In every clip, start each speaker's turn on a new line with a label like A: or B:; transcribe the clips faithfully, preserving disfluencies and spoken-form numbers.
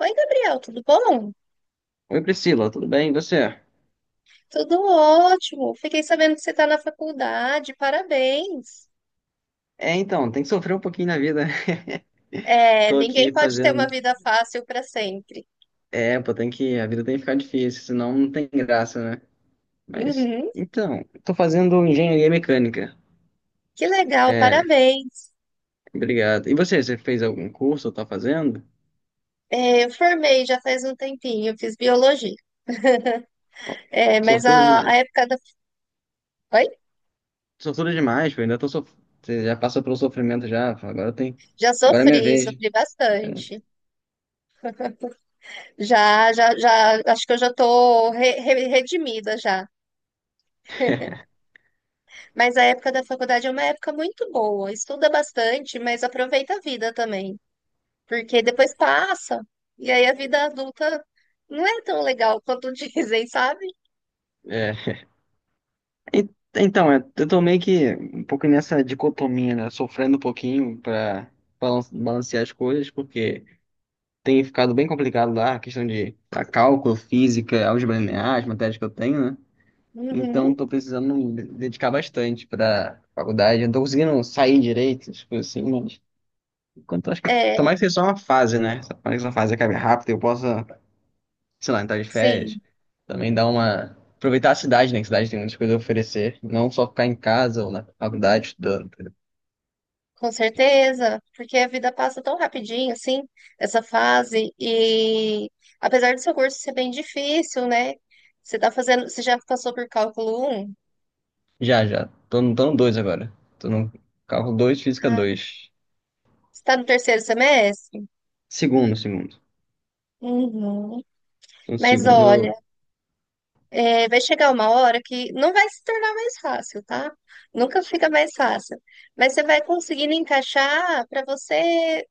A: Oi, Gabriel, tudo bom?
B: Oi, Priscila, tudo bem? E você?
A: Tudo ótimo. Fiquei sabendo que você está na faculdade, parabéns.
B: É, então, tem que sofrer um pouquinho na vida.
A: É,
B: Tô
A: ninguém
B: aqui
A: pode ter
B: fazendo.
A: uma vida fácil para sempre.
B: É, pô, tem que. A vida tem que ficar difícil, senão não tem graça, né? Mas,
A: Uhum,
B: então, tô fazendo engenharia mecânica.
A: que legal,
B: É,
A: parabéns.
B: obrigado. E você, você fez algum curso ou tá fazendo?
A: É, eu formei já faz um tempinho, fiz biologia.
B: Ó.
A: É, mas
B: Sortudo
A: a, a
B: demais.
A: época da. Oi?
B: Sortudo demais, pô, ainda tô sof... Você já passou pelo sofrimento já, agora tem.
A: Já
B: Agora é minha
A: sofri,
B: vez.
A: sofri bastante. Já, já, já, acho que eu já estou redimida já. Mas a época da faculdade é uma época muito boa. Estuda bastante, mas aproveita a vida também, porque depois passa. E aí a vida adulta não é tão legal quanto dizem, sabe?
B: É. E- Então, eu eu tô meio que um pouco nessa dicotomia, né? Sofrendo um pouquinho pra balan- balancear as coisas, porque tem ficado bem complicado lá a questão de a cálculo, física, álgebra linear, as matérias que eu tenho, né?
A: Uhum.
B: Então, tô precisando me dedicar bastante pra faculdade. Eu não tô conseguindo sair direito, tipo assim, mas enquanto eu acho que
A: É,
B: tomara que seja só uma fase, né? Tomara que essa fase acabe rápido e eu possa, sei lá, entrar de
A: sim,
B: férias. Também dar uma. Aproveitar a cidade, né? Que a cidade tem muitas coisas a oferecer. Não só ficar em casa ou na faculdade estudando, entendeu?
A: com certeza, porque a vida passa tão rapidinho, assim, essa fase, e apesar do seu curso ser bem difícil, né? Você tá fazendo, você já passou por cálculo um.
B: Já, já. Tô no, tô no dois agora. Tô no cálculo dois, física
A: Ah,
B: dois.
A: você tá no terceiro semestre?
B: Segundo, segundo.
A: Uhum.
B: Tô no
A: Mas olha,
B: segundo.
A: é, vai chegar uma hora que não vai se tornar mais fácil, tá? Nunca fica mais fácil. Mas você vai conseguindo encaixar para você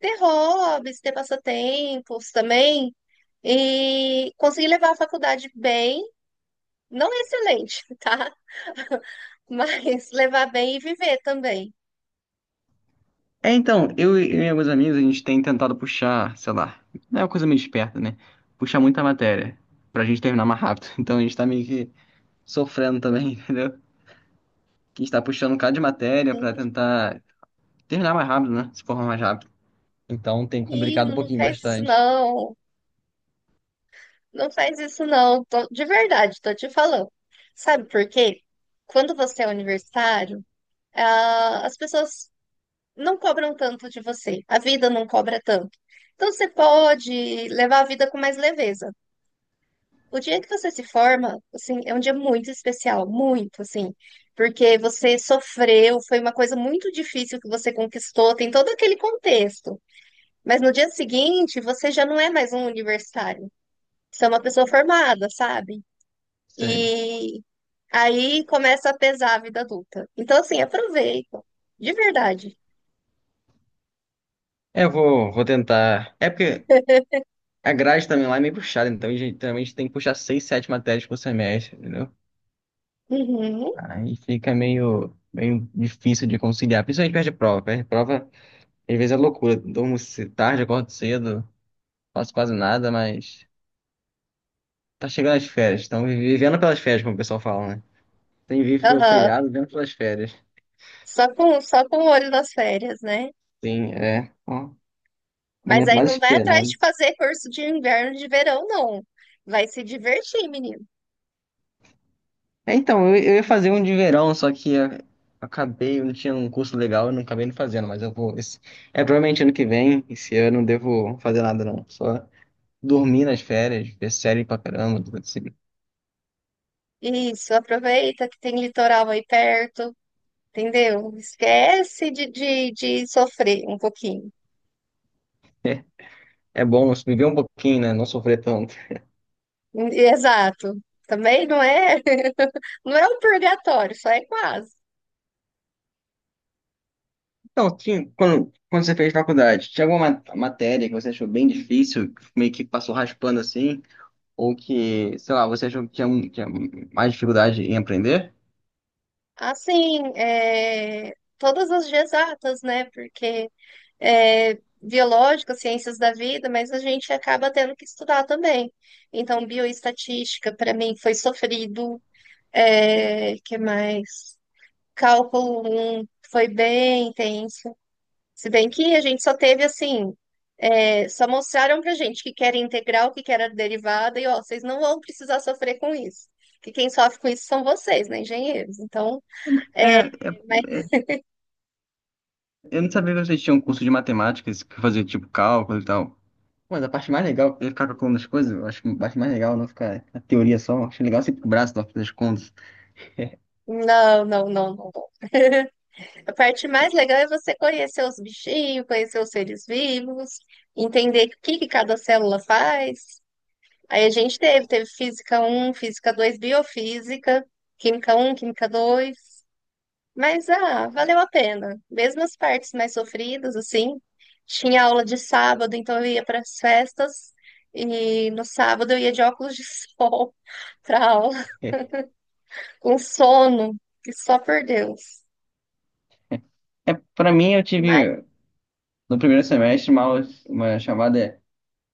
A: ter hobbies, ter passatempos também e conseguir levar a faculdade bem, não é excelente, tá? Mas levar bem e viver também.
B: É, então, eu e eu e alguns amigos, a gente tem tentado puxar, sei lá. Não é uma coisa meio esperta, né? Puxar muita matéria. Pra gente terminar mais rápido. Então a gente tá meio que sofrendo também, entendeu? Que a gente tá puxando um bocado de matéria pra
A: Entende?
B: tentar terminar mais rápido, né? Se formar mais rápido. Então tem complicado um
A: Menino, não
B: pouquinho
A: faz isso
B: bastante.
A: não. Não faz isso não. Tô- de verdade, tô te falando. Sabe por quê? Quando você é universitário, ah, as pessoas não cobram tanto de você. A vida não cobra tanto. Então você pode levar a vida com mais leveza. O dia que você se forma, assim, é um dia muito especial, muito, assim, porque você sofreu, foi uma coisa muito difícil que você conquistou, tem todo aquele contexto. Mas no dia seguinte, você já não é mais um universitário. Você é uma pessoa formada, sabe?
B: Sei.
A: E aí começa a pesar a vida adulta. Então, assim, aproveita, de verdade.
B: É, eu vou, vou tentar. É porque a grade também lá é meio puxada, então a gente geralmente tem que puxar seis, sete matérias por semestre, entendeu?
A: Uhum,
B: Aí fica meio, meio difícil de conciliar, principalmente perto de prova. Perto de prova, às vezes é loucura. Durmo ce- tarde, acordo cedo, faço quase nada, mas tá chegando as férias. Estão vivendo pelas férias, como o pessoal fala, né? Tem vivo pelo
A: aham.
B: feriado, vivendo pelas férias.
A: Só com, só com o olho das férias, né?
B: Sim, é o
A: Mas
B: momento
A: aí
B: mais
A: não vai atrás
B: esperado.
A: de fazer curso de inverno, de verão, não. Vai se divertir, menino.
B: É, então, eu, eu ia fazer um de verão, só que a- acabei, eu não tinha um curso legal, eu não acabei não fazendo, mas eu vou. Esse, é provavelmente ano que vem, esse ano eu não devo fazer nada, não. Só dormir nas férias, ver série pra caramba, tudo assim.
A: Isso, aproveita que tem litoral aí perto, entendeu? Esquece de, de, de sofrer um pouquinho.
B: É bom viver um pouquinho, né? Não sofrer tanto.
A: Exato. Também não é, não é um purgatório, só é quase.
B: Então, tinha, quando, quando você fez faculdade, tinha alguma ma- matéria que você achou bem difícil, meio que passou raspando assim? Ou que, sei lá, você achou que tinha, um- tinha mais dificuldade em aprender?
A: Assim, é, todas as exatas, né? Porque é, biológica, ciências da vida, mas a gente acaba tendo que estudar também. Então, bioestatística, para mim, foi sofrido. É, que mais? Cálculo um foi bem intenso. Se bem que a gente só teve assim, é, só mostraram pra gente que que era integral, que que era derivada, e ó, vocês não vão precisar sofrer com isso. Que quem sofre com isso são vocês, né, engenheiros? Então,
B: É,
A: é, mas
B: é, Eu não sabia que vocês tinham um curso de matemáticas que fazia tipo cálculo e tal. Mas a parte mais legal é ficar calculando as coisas. Eu acho que a parte mais legal é não ficar na teoria só. Eu acho legal sempre com o braço na hora das contas.
A: não, não, não, não. Não. A parte mais legal é você conhecer os bichinhos, conhecer os seres vivos, entender o que que cada célula faz. Aí a gente teve, teve física um, física dois, biofísica, química um, química dois. Mas ah, valeu a pena. Mesmo as partes mais sofridas, assim, tinha aula de sábado, então eu ia para as festas e no sábado eu ia de óculos de sol para aula,
B: É,
A: com sono, e só por Deus.
B: é, Pra mim, eu
A: Mas
B: tive no primeiro semestre uma, aula- uma chamada é,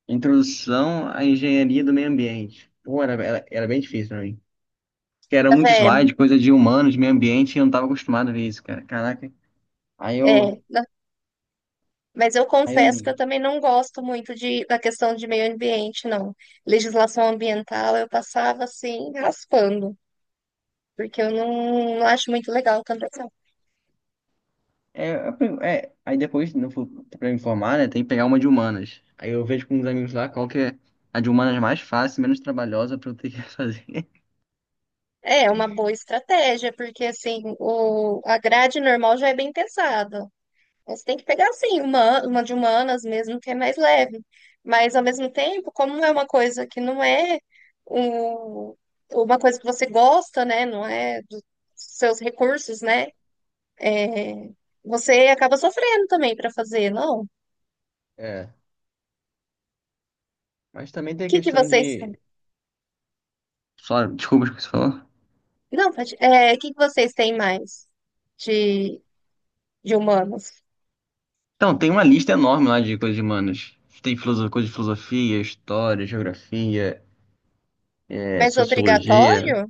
B: Introdução à Engenharia do Meio Ambiente. Pô, era, era, era bem difícil pra mim. Porque era
A: tá
B: muito
A: vendo?
B: slide, coisa de humanos, meio ambiente, e eu não tava acostumado a ver isso, cara. Caraca. Aí eu,
A: É, mas eu
B: aí eu
A: confesso que eu também não gosto muito de, da questão de meio ambiente, não. Legislação ambiental eu passava assim, raspando, porque eu não, não acho muito legal tanto assim.
B: É, a prim- é, aí depois, no, fu- pra me informar, né, tem que pegar uma de humanas. Aí eu vejo com uns amigos lá qual que é a de humanas mais fácil, menos trabalhosa pra eu ter que fazer.
A: É uma boa estratégia, porque assim, o, a grade normal já é bem pesada. Você tem que pegar assim, uma, uma de humanas mesmo, que é mais leve. Mas ao mesmo tempo, como é uma coisa que não é um, uma coisa que você gosta, né? Não é dos seus recursos, né? É, você acaba sofrendo também para fazer, não? O
B: É, mas também tem a
A: que que
B: questão
A: vocês
B: de...
A: têm?
B: Só, desculpa, esqueci de falar.
A: Não, pode- é, o que que vocês têm mais de, de humanos?
B: Então, tem uma lista enorme lá de coisas de humanas. Tem filoso- coisa de filosofia, história, geografia, é,
A: Mais
B: sociologia.
A: obrigatório?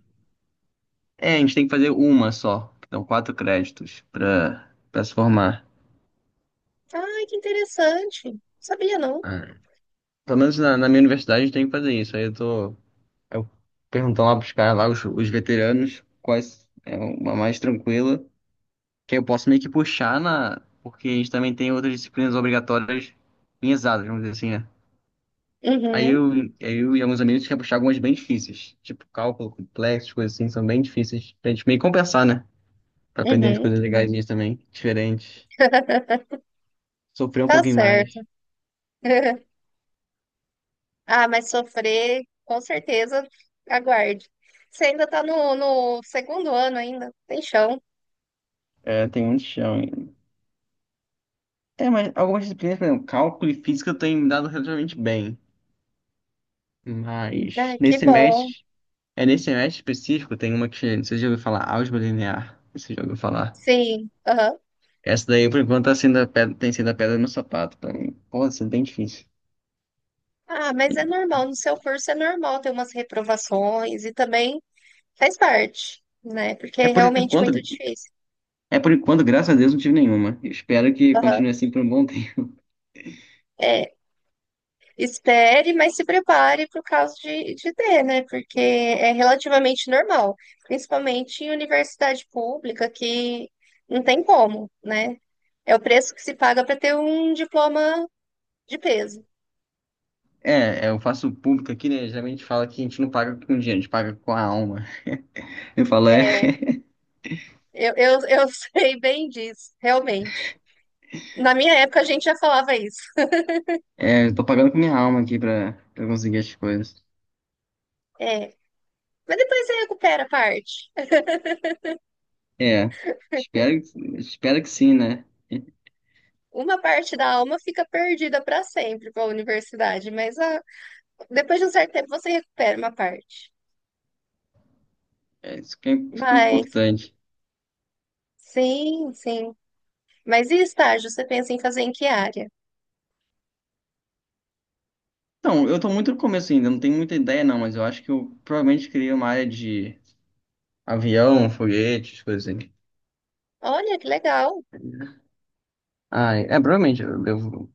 B: É, a gente tem que fazer uma só. Então, quatro créditos pra, pra se formar.
A: Ai, que interessante. Sabia não.
B: Ah. Pelo menos na, na minha universidade a gente tem que fazer isso. Aí eu tô... Eu perguntando lá pros caras lá, os, os veteranos, quais é uma mais tranquila, que eu posso meio que puxar na. Porque a gente também tem outras disciplinas obrigatórias em exatas, vamos dizer assim, né? Aí
A: Uhum,
B: eu, eu e alguns amigos quer puxar algumas bem difíceis, tipo cálculo complexo, coisas assim, são bem difíceis pra gente meio que compensar, né? Pra aprender umas
A: uhum.
B: coisas legais também, diferentes, sofrer um
A: Tá
B: pouquinho mais.
A: certo. Ah, mas sofrer, com certeza, aguarde. Você ainda tá no, no segundo ano ainda, tem chão.
B: É, tem muito chão ainda. É, mas algumas disciplinas, por exemplo, cálculo e física eu tenho me dado relativamente bem. Mas
A: Ah, que
B: nesse
A: bom.
B: semestre. É nesse semestre específico, tem uma que você já ouviu falar, álgebra linear. Você já ouviu falar?
A: Sim, aham.
B: Essa daí, por enquanto, tá sendo a pedra, tem sido a pedra no sapato pra mim. Pô, isso é bem difícil.
A: Ah, mas é normal, no seu curso é normal ter umas reprovações e também faz parte, né? Porque
B: É
A: é
B: por
A: realmente
B: enquanto,
A: muito difícil.
B: é por enquanto, graças a Deus, não tive nenhuma. Eu espero que
A: Aham.
B: continue assim por um bom tempo.
A: É, espere, mas se prepare para o caso de, de ter, né? Porque é relativamente normal, principalmente em universidade pública, que não tem como, né? É o preço que se paga para ter um diploma de peso.
B: É, é, eu faço público aqui, né? Geralmente fala que a gente não paga com dinheiro, a gente paga com a alma. Eu falo, é,
A: É, Eu, eu, eu sei bem disso, realmente. Na minha época a gente já falava isso.
B: é, eu tô pagando com minha alma aqui pra, pra conseguir as coisas.
A: É, mas depois você recupera a parte.
B: É, espero, que- espero que sim, né?
A: Uma parte da alma fica perdida para sempre para a universidade, mas ah, depois de um certo tempo você recupera uma parte.
B: É, isso que é, isso que é
A: Mas
B: importante.
A: sim, sim. Mas e estágio? Você pensa em fazer em que área?
B: Então, eu tô muito no começo ainda, não tenho muita ideia não, mas eu acho que eu provavelmente queria uma área de avião, foguetes, coisas assim.
A: Olha que legal.
B: Ah, é, provavelmente eu devo...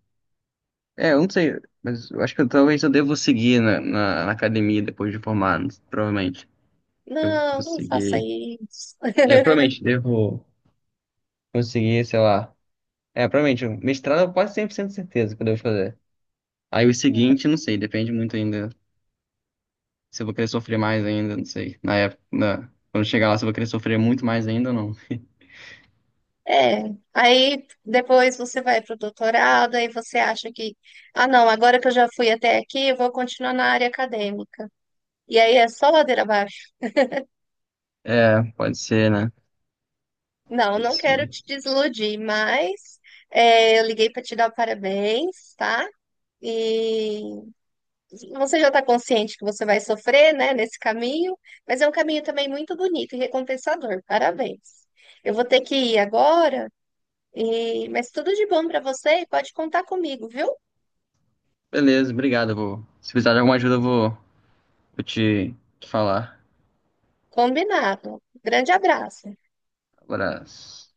B: É, eu não sei, mas eu acho que eu- talvez eu devo seguir na, na, na academia depois de formado, provavelmente. Eu vou
A: Não, não faça
B: seguir.
A: isso.
B: É, provavelmente devo conseguir, sei lá... É, provavelmente, mestrado eu quase cem por cento certeza que eu devo fazer. Aí o seguinte, não sei, depende muito ainda. Se eu vou querer sofrer mais ainda, não sei. Na época, na- quando chegar lá, se eu vou querer sofrer muito mais ainda ou não.
A: É, aí depois você vai para o doutorado, aí você acha que, ah, não, agora que eu já fui até aqui, eu vou continuar na área acadêmica. E aí é só ladeira abaixo.
B: É, pode ser, né?
A: Não,
B: Pode
A: não quero
B: ser.
A: te desiludir, mas é, eu liguei para te dar parabéns, tá? E você já está consciente que você vai sofrer, né, nesse caminho, mas é um caminho também muito bonito e recompensador. Parabéns. Eu vou ter que ir agora, e... mas tudo de bom para você e pode contar comigo, viu?
B: Beleza, obrigado. Eu vou... Se precisar de alguma ajuda, eu vou, vou te te falar.
A: Combinado. Grande abraço.
B: Abraço.